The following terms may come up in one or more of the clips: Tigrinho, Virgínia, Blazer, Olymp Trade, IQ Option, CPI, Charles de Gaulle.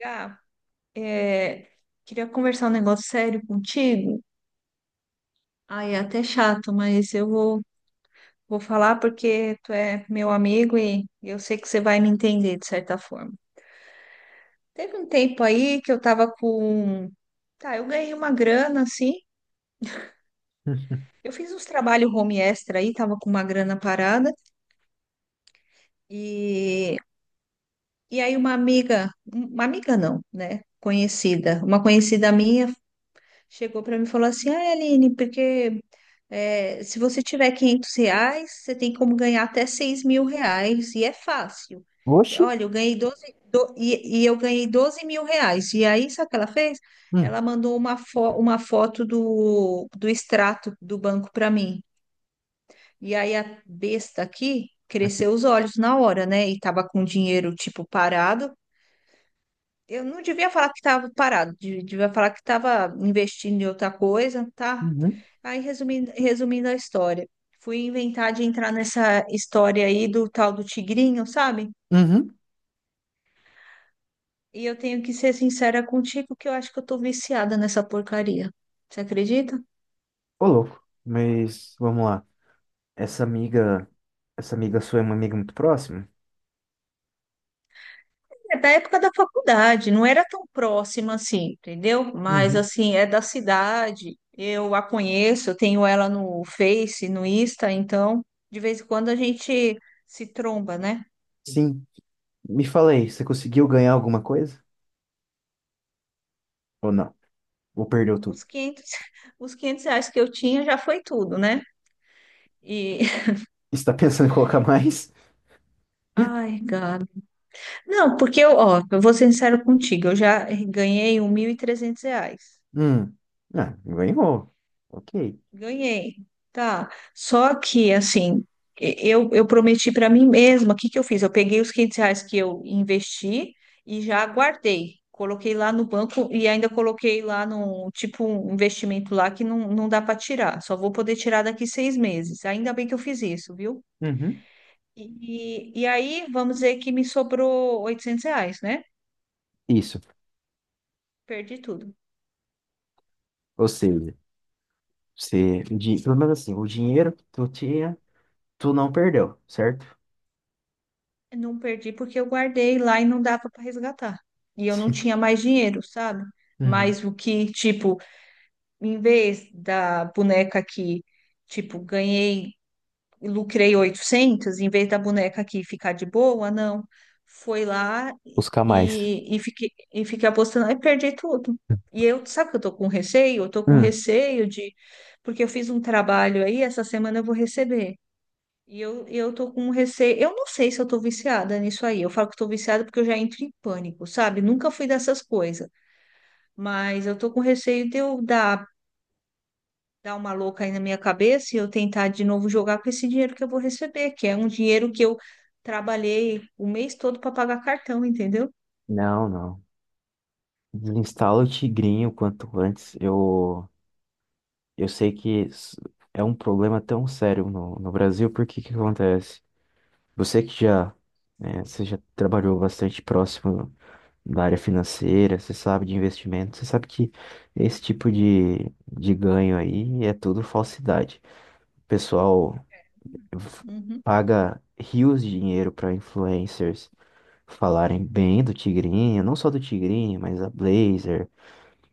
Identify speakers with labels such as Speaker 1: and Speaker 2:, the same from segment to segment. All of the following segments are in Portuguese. Speaker 1: Gá, é, queria conversar um negócio sério contigo. Ai, é até chato, mas eu vou falar porque tu é meu amigo e eu sei que você vai me entender de certa forma. Teve um tempo aí que eu tava com. Tá, eu ganhei uma grana, assim. Eu fiz uns trabalhos home extra aí, tava com uma grana parada. E, e aí uma amiga não, né? Conhecida, uma conhecida minha chegou para mim e falou assim: Ah, Aline, porque se você tiver 500 reais, você tem como ganhar até 6 mil reais e é fácil. E
Speaker 2: Oxi.
Speaker 1: olha, eu ganhei e eu ganhei 12 mil reais. E aí, sabe o que ela fez?
Speaker 2: Hum.
Speaker 1: Ela mandou uma foto do extrato do banco para mim. E aí a besta aqui
Speaker 2: acre-
Speaker 1: cresceu os olhos na hora, né? E tava com o dinheiro tipo parado. Eu não devia falar que estava parado, devia falar que estava investindo em outra coisa, tá?
Speaker 2: Uhum.
Speaker 1: Aí, resumindo, resumindo a história, fui inventar de entrar nessa história aí do tal do tigrinho, sabe?
Speaker 2: Uhum.
Speaker 1: E eu tenho que ser sincera contigo que eu acho que eu tô viciada nessa porcaria. Você acredita?
Speaker 2: Ô, louco. Mas vamos lá. Essa amiga, essa amiga sua é uma amiga muito próxima?
Speaker 1: É da época da faculdade, não era tão próxima assim, entendeu? Mas
Speaker 2: Uhum.
Speaker 1: assim, é da cidade, eu a conheço, eu tenho ela no Face, no Insta, então de vez em quando a gente se tromba, né?
Speaker 2: Sim. Me fala aí, você conseguiu ganhar alguma coisa? Ou não? Ou perdeu tudo?
Speaker 1: os 500 os 500 reais que eu tinha já foi tudo, né? E,
Speaker 2: Está pensando em colocar mais?
Speaker 1: Ai, Gabi. Não, porque eu, ó, eu vou ser sincero contigo, eu já ganhei 1.300 reais.
Speaker 2: Hum. Ah, ganhou. Ok.
Speaker 1: Ganhei, tá? Só que, assim, eu prometi para mim mesma, o que que eu fiz? Eu peguei os 500 reais que eu investi e já guardei. Coloquei lá no banco e ainda coloquei lá no, tipo, um investimento lá que não dá para tirar. Só vou poder tirar daqui 6 meses. Ainda bem que eu fiz isso, viu?
Speaker 2: Uhum.
Speaker 1: E aí, vamos dizer que me sobrou 800 reais, né?
Speaker 2: Isso.
Speaker 1: Perdi tudo.
Speaker 2: Ou seja, você, pelo menos assim, o dinheiro que tu tinha, tu não perdeu, certo?
Speaker 1: Não perdi porque eu guardei lá e não dava para resgatar. E eu não tinha mais dinheiro, sabe?
Speaker 2: Uhum.
Speaker 1: Mas o que, tipo, em vez da boneca que, tipo, ganhei lucrei 800, em vez da boneca aqui ficar de boa, não. Foi lá
Speaker 2: Buscar mais.
Speaker 1: e fiquei apostando e perdi tudo. E eu, sabe que eu tô com receio? Eu tô com
Speaker 2: Hum.
Speaker 1: receio de. Porque eu fiz um trabalho aí, essa semana eu vou receber. E eu tô com um receio. Eu não sei se eu tô viciada nisso aí. Eu falo que tô viciada porque eu já entro em pânico, sabe? Nunca fui dessas coisas. Mas eu tô com receio de eu dar uma louca aí na minha cabeça e eu tentar de novo jogar com esse dinheiro que eu vou receber, que é um dinheiro que eu trabalhei o mês todo para pagar cartão, entendeu?
Speaker 2: Não, não. Desinstala o Tigrinho o quanto antes. Eu sei que é um problema tão sério no, Brasil, porque que acontece? Você que já, né, você já trabalhou bastante próximo da área financeira, você sabe de investimento, você sabe que esse tipo de ganho aí é tudo falsidade. O pessoal f-
Speaker 1: Uhum,
Speaker 2: paga rios de dinheiro para influencers falarem bem do Tigrinho, não só do Tigrinho, mas a Blazer.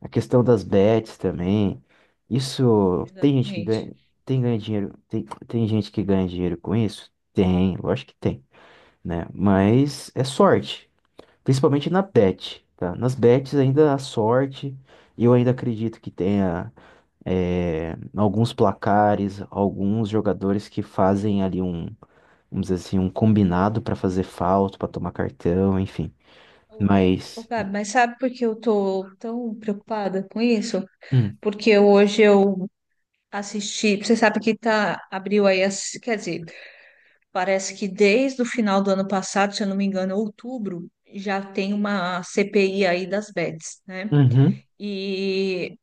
Speaker 2: A questão das bets também. Isso tem gente que
Speaker 1: exatamente.
Speaker 2: ganha, tem ganha dinheiro, tem gente que ganha dinheiro com isso? Tem, eu acho que tem, né? Mas é sorte, principalmente na bet, tá? Nas bets ainda há sorte, e eu ainda acredito que tenha alguns placares, alguns jogadores que fazem ali um, vamos dizer assim, um combinado para fazer falta, para tomar cartão, enfim.
Speaker 1: Ô, ô,
Speaker 2: Mas.
Speaker 1: Gabi, mas sabe por que eu tô tão preocupada com isso?
Speaker 2: Hum.
Speaker 1: Porque hoje eu assisti, você sabe que tá, abriu aí, as, quer dizer, parece que desde o final do ano passado, se eu não me engano, outubro, já tem uma CPI aí das bets, né?
Speaker 2: Uhum,
Speaker 1: E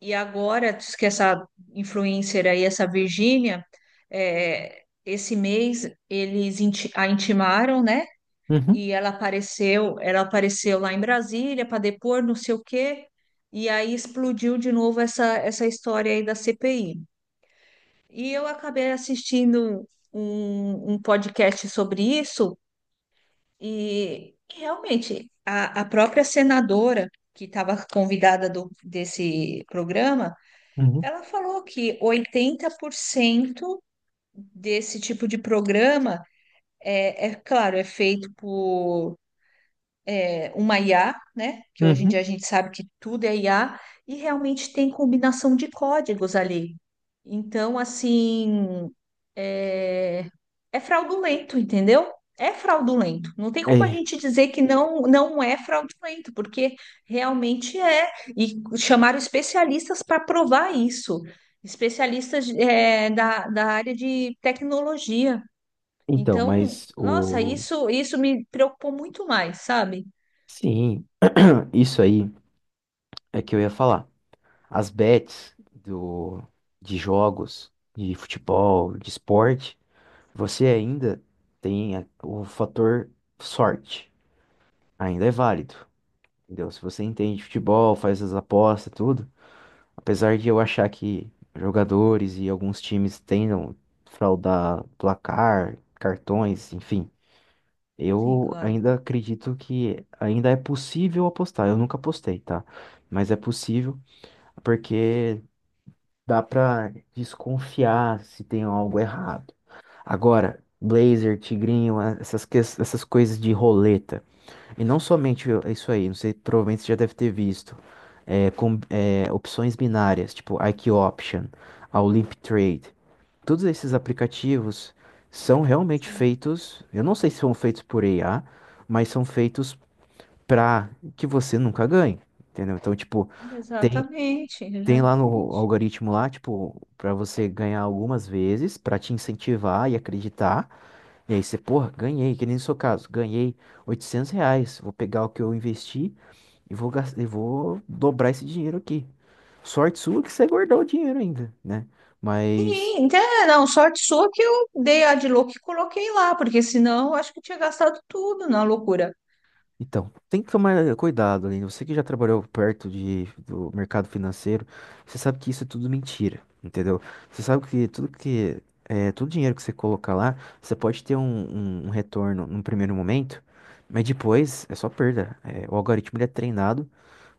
Speaker 1: E agora, diz que essa influencer aí, essa Virgínia, é, esse mês eles a intimaram, né?
Speaker 2: uhum,
Speaker 1: E ela apareceu lá em Brasília para depor, não sei o quê, e aí explodiu de novo essa história aí da CPI. E eu acabei assistindo um podcast sobre isso, e realmente a própria senadora que estava convidada do, desse programa
Speaker 2: uhum,
Speaker 1: ela falou que 80% desse tipo de programa é claro, é feito por uma IA, né? Que hoje em dia a
Speaker 2: uhum.
Speaker 1: gente sabe que tudo é IA, e realmente tem combinação de códigos ali. Então, assim, é, é fraudulento, entendeu? É fraudulento. Não tem como a
Speaker 2: É.
Speaker 1: gente dizer que não, não é fraudulento, porque realmente é. E chamaram especialistas para provar isso, especialistas da área de tecnologia.
Speaker 2: Então,
Speaker 1: Então,
Speaker 2: mas
Speaker 1: nossa,
Speaker 2: o.
Speaker 1: isso me preocupou muito mais, sabe?
Speaker 2: Sim, isso aí é que eu ia falar. As bets do... de jogos, de futebol, de esporte, você ainda tem o fator sorte. Ainda é válido, entendeu? Se você entende de futebol, faz as apostas, tudo. Apesar de eu achar que jogadores e alguns times tentam fraudar placar, cartões, enfim.
Speaker 1: Sim,
Speaker 2: Eu
Speaker 1: claro.
Speaker 2: ainda acredito que ainda é possível apostar. Eu nunca apostei, tá? Mas é possível porque dá pra desconfiar se tem algo errado. Agora, Blazer, Tigrinho, essas, essas coisas de roleta. E não somente isso aí, não sei, provavelmente você já deve ter visto. Opções binárias, tipo IQ Option, a Olymp Trade todos esses aplicativos são realmente
Speaker 1: Sim.
Speaker 2: feitos, eu não sei se são feitos por IA, mas são feitos para que você nunca ganhe, entendeu? Então, tipo, tem,
Speaker 1: Exatamente,
Speaker 2: tem lá no
Speaker 1: exatamente.
Speaker 2: algoritmo lá, tipo, para você ganhar algumas vezes, para te incentivar e acreditar. E aí você, porra, ganhei, que nem no seu caso, ganhei R$ 800, vou pegar o que eu investi e vou dobrar esse dinheiro aqui. Sorte sua que você guardou o dinheiro ainda, né? Mas.
Speaker 1: Sim, então, não, sorte sua que eu dei a de louco e coloquei lá, porque senão eu acho que tinha gastado tudo na loucura.
Speaker 2: Então, tem que tomar cuidado, Aline. Você que já trabalhou perto do mercado financeiro, você sabe que isso é tudo mentira, entendeu? Você sabe que tudo que todo dinheiro que você colocar lá, você pode ter um retorno num primeiro momento, mas depois é só perda. O algoritmo ele é treinado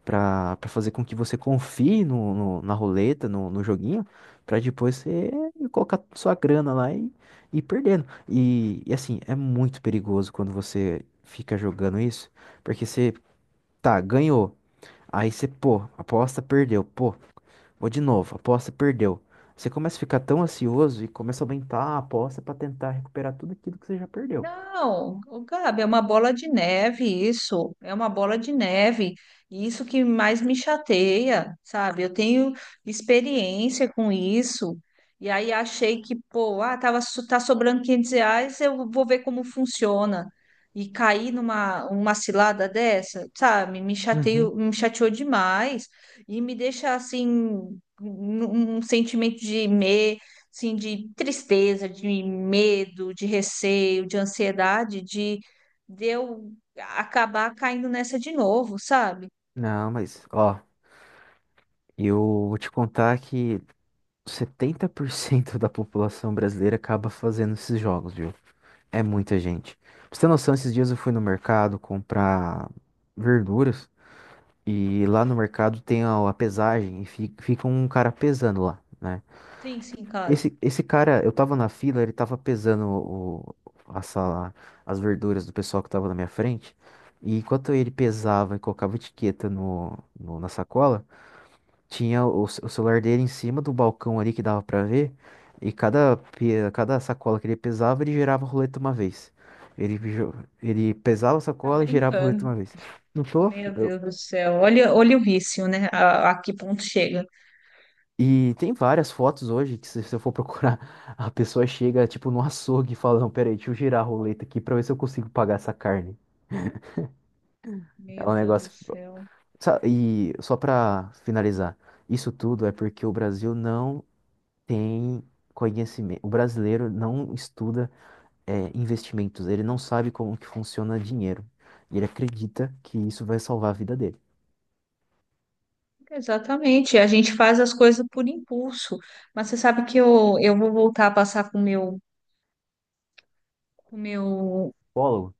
Speaker 2: pra fazer com que você confie na roleta, no joguinho, pra depois você colocar sua grana lá e ir perdendo. E assim, é muito perigoso quando você fica jogando isso, porque você, tá, ganhou, aí você, pô, aposta, perdeu, pô, vou de novo, aposta, perdeu. Você começa a ficar tão ansioso e começa a aumentar a aposta pra tentar recuperar tudo aquilo que você já perdeu.
Speaker 1: Não, ô, Gabi, é uma bola de neve isso, é uma bola de neve. E isso que mais me chateia, sabe? Eu tenho experiência com isso. E aí achei que, pô, ah, tava, tá sobrando 500 reais, eu vou ver como funciona. E cair numa uma cilada dessa, sabe? Me
Speaker 2: Uhum.
Speaker 1: chateio, me chateou demais e me deixa assim um sentimento de assim, de tristeza, de medo, de receio, de ansiedade, de eu acabar caindo nessa de novo, sabe?
Speaker 2: Não, mas, ó, eu vou te contar que 70% da população brasileira acaba fazendo esses jogos, viu? É muita gente. Pra você ter noção, esses dias eu fui no mercado comprar verduras e lá no mercado tem a pesagem e fica um cara pesando lá, né?
Speaker 1: Sim, sim, claro.
Speaker 2: Esse cara, eu tava na fila, ele tava pesando a sala, as verduras do pessoal que tava na minha frente. E enquanto ele pesava e colocava etiqueta na sacola, tinha o celular dele em cima do balcão ali que dava pra ver. E cada, cada sacola que ele pesava, ele girava a roleta uma vez. Ele, jo- ele pesava a
Speaker 1: Tá
Speaker 2: sacola e girava a roleta
Speaker 1: brincando.
Speaker 2: uma vez. Não tô?
Speaker 1: Meu Deus do céu. Olha, olha o vício, né? A que ponto chega.
Speaker 2: E tem várias fotos hoje que se eu for procurar, a pessoa chega tipo no açougue e fala, não, peraí, deixa eu girar a roleta aqui pra ver se eu consigo pagar essa carne. É
Speaker 1: Meu
Speaker 2: um
Speaker 1: Deus
Speaker 2: negócio...
Speaker 1: do céu.
Speaker 2: E só pra finalizar, isso tudo é porque o Brasil não tem conhecimento. O brasileiro não estuda investimentos, ele não sabe como que funciona dinheiro. E ele acredita que isso vai salvar a vida dele.
Speaker 1: Exatamente. A gente faz as coisas por impulso. Mas você sabe que eu vou voltar a passar com o meu
Speaker 2: Psicólogo?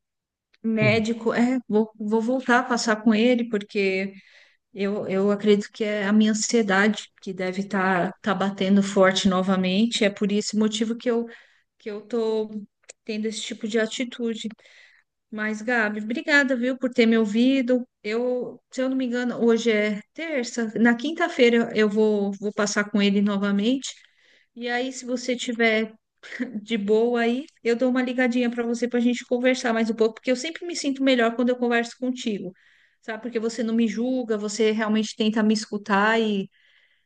Speaker 1: médico. É, vou voltar a passar com ele, porque eu acredito que é a minha ansiedade que deve estar tá batendo forte novamente. É por esse motivo que eu tô tendo esse tipo de atitude. Mas, Gabi, obrigada, viu, por ter me ouvido. Eu, se eu não me engano, hoje é terça. Na quinta-feira eu vou passar com ele novamente. E aí, se você tiver de boa aí, eu dou uma ligadinha para você para a gente conversar mais um pouco, porque eu sempre me sinto melhor quando eu converso contigo, sabe? Porque você não me julga, você realmente tenta me escutar e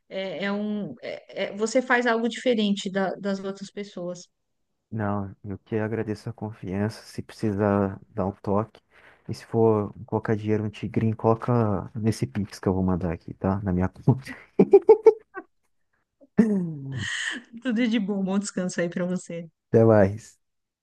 Speaker 1: você faz algo diferente das outras pessoas.
Speaker 2: Não, eu que agradeço a confiança. Se precisar dar um toque. E se for colocar dinheiro no Tigrinho, coloca nesse Pix que eu vou mandar aqui, tá? Na minha conta.
Speaker 1: Tudo de bom, bom descanso aí para você.
Speaker 2: Até mais.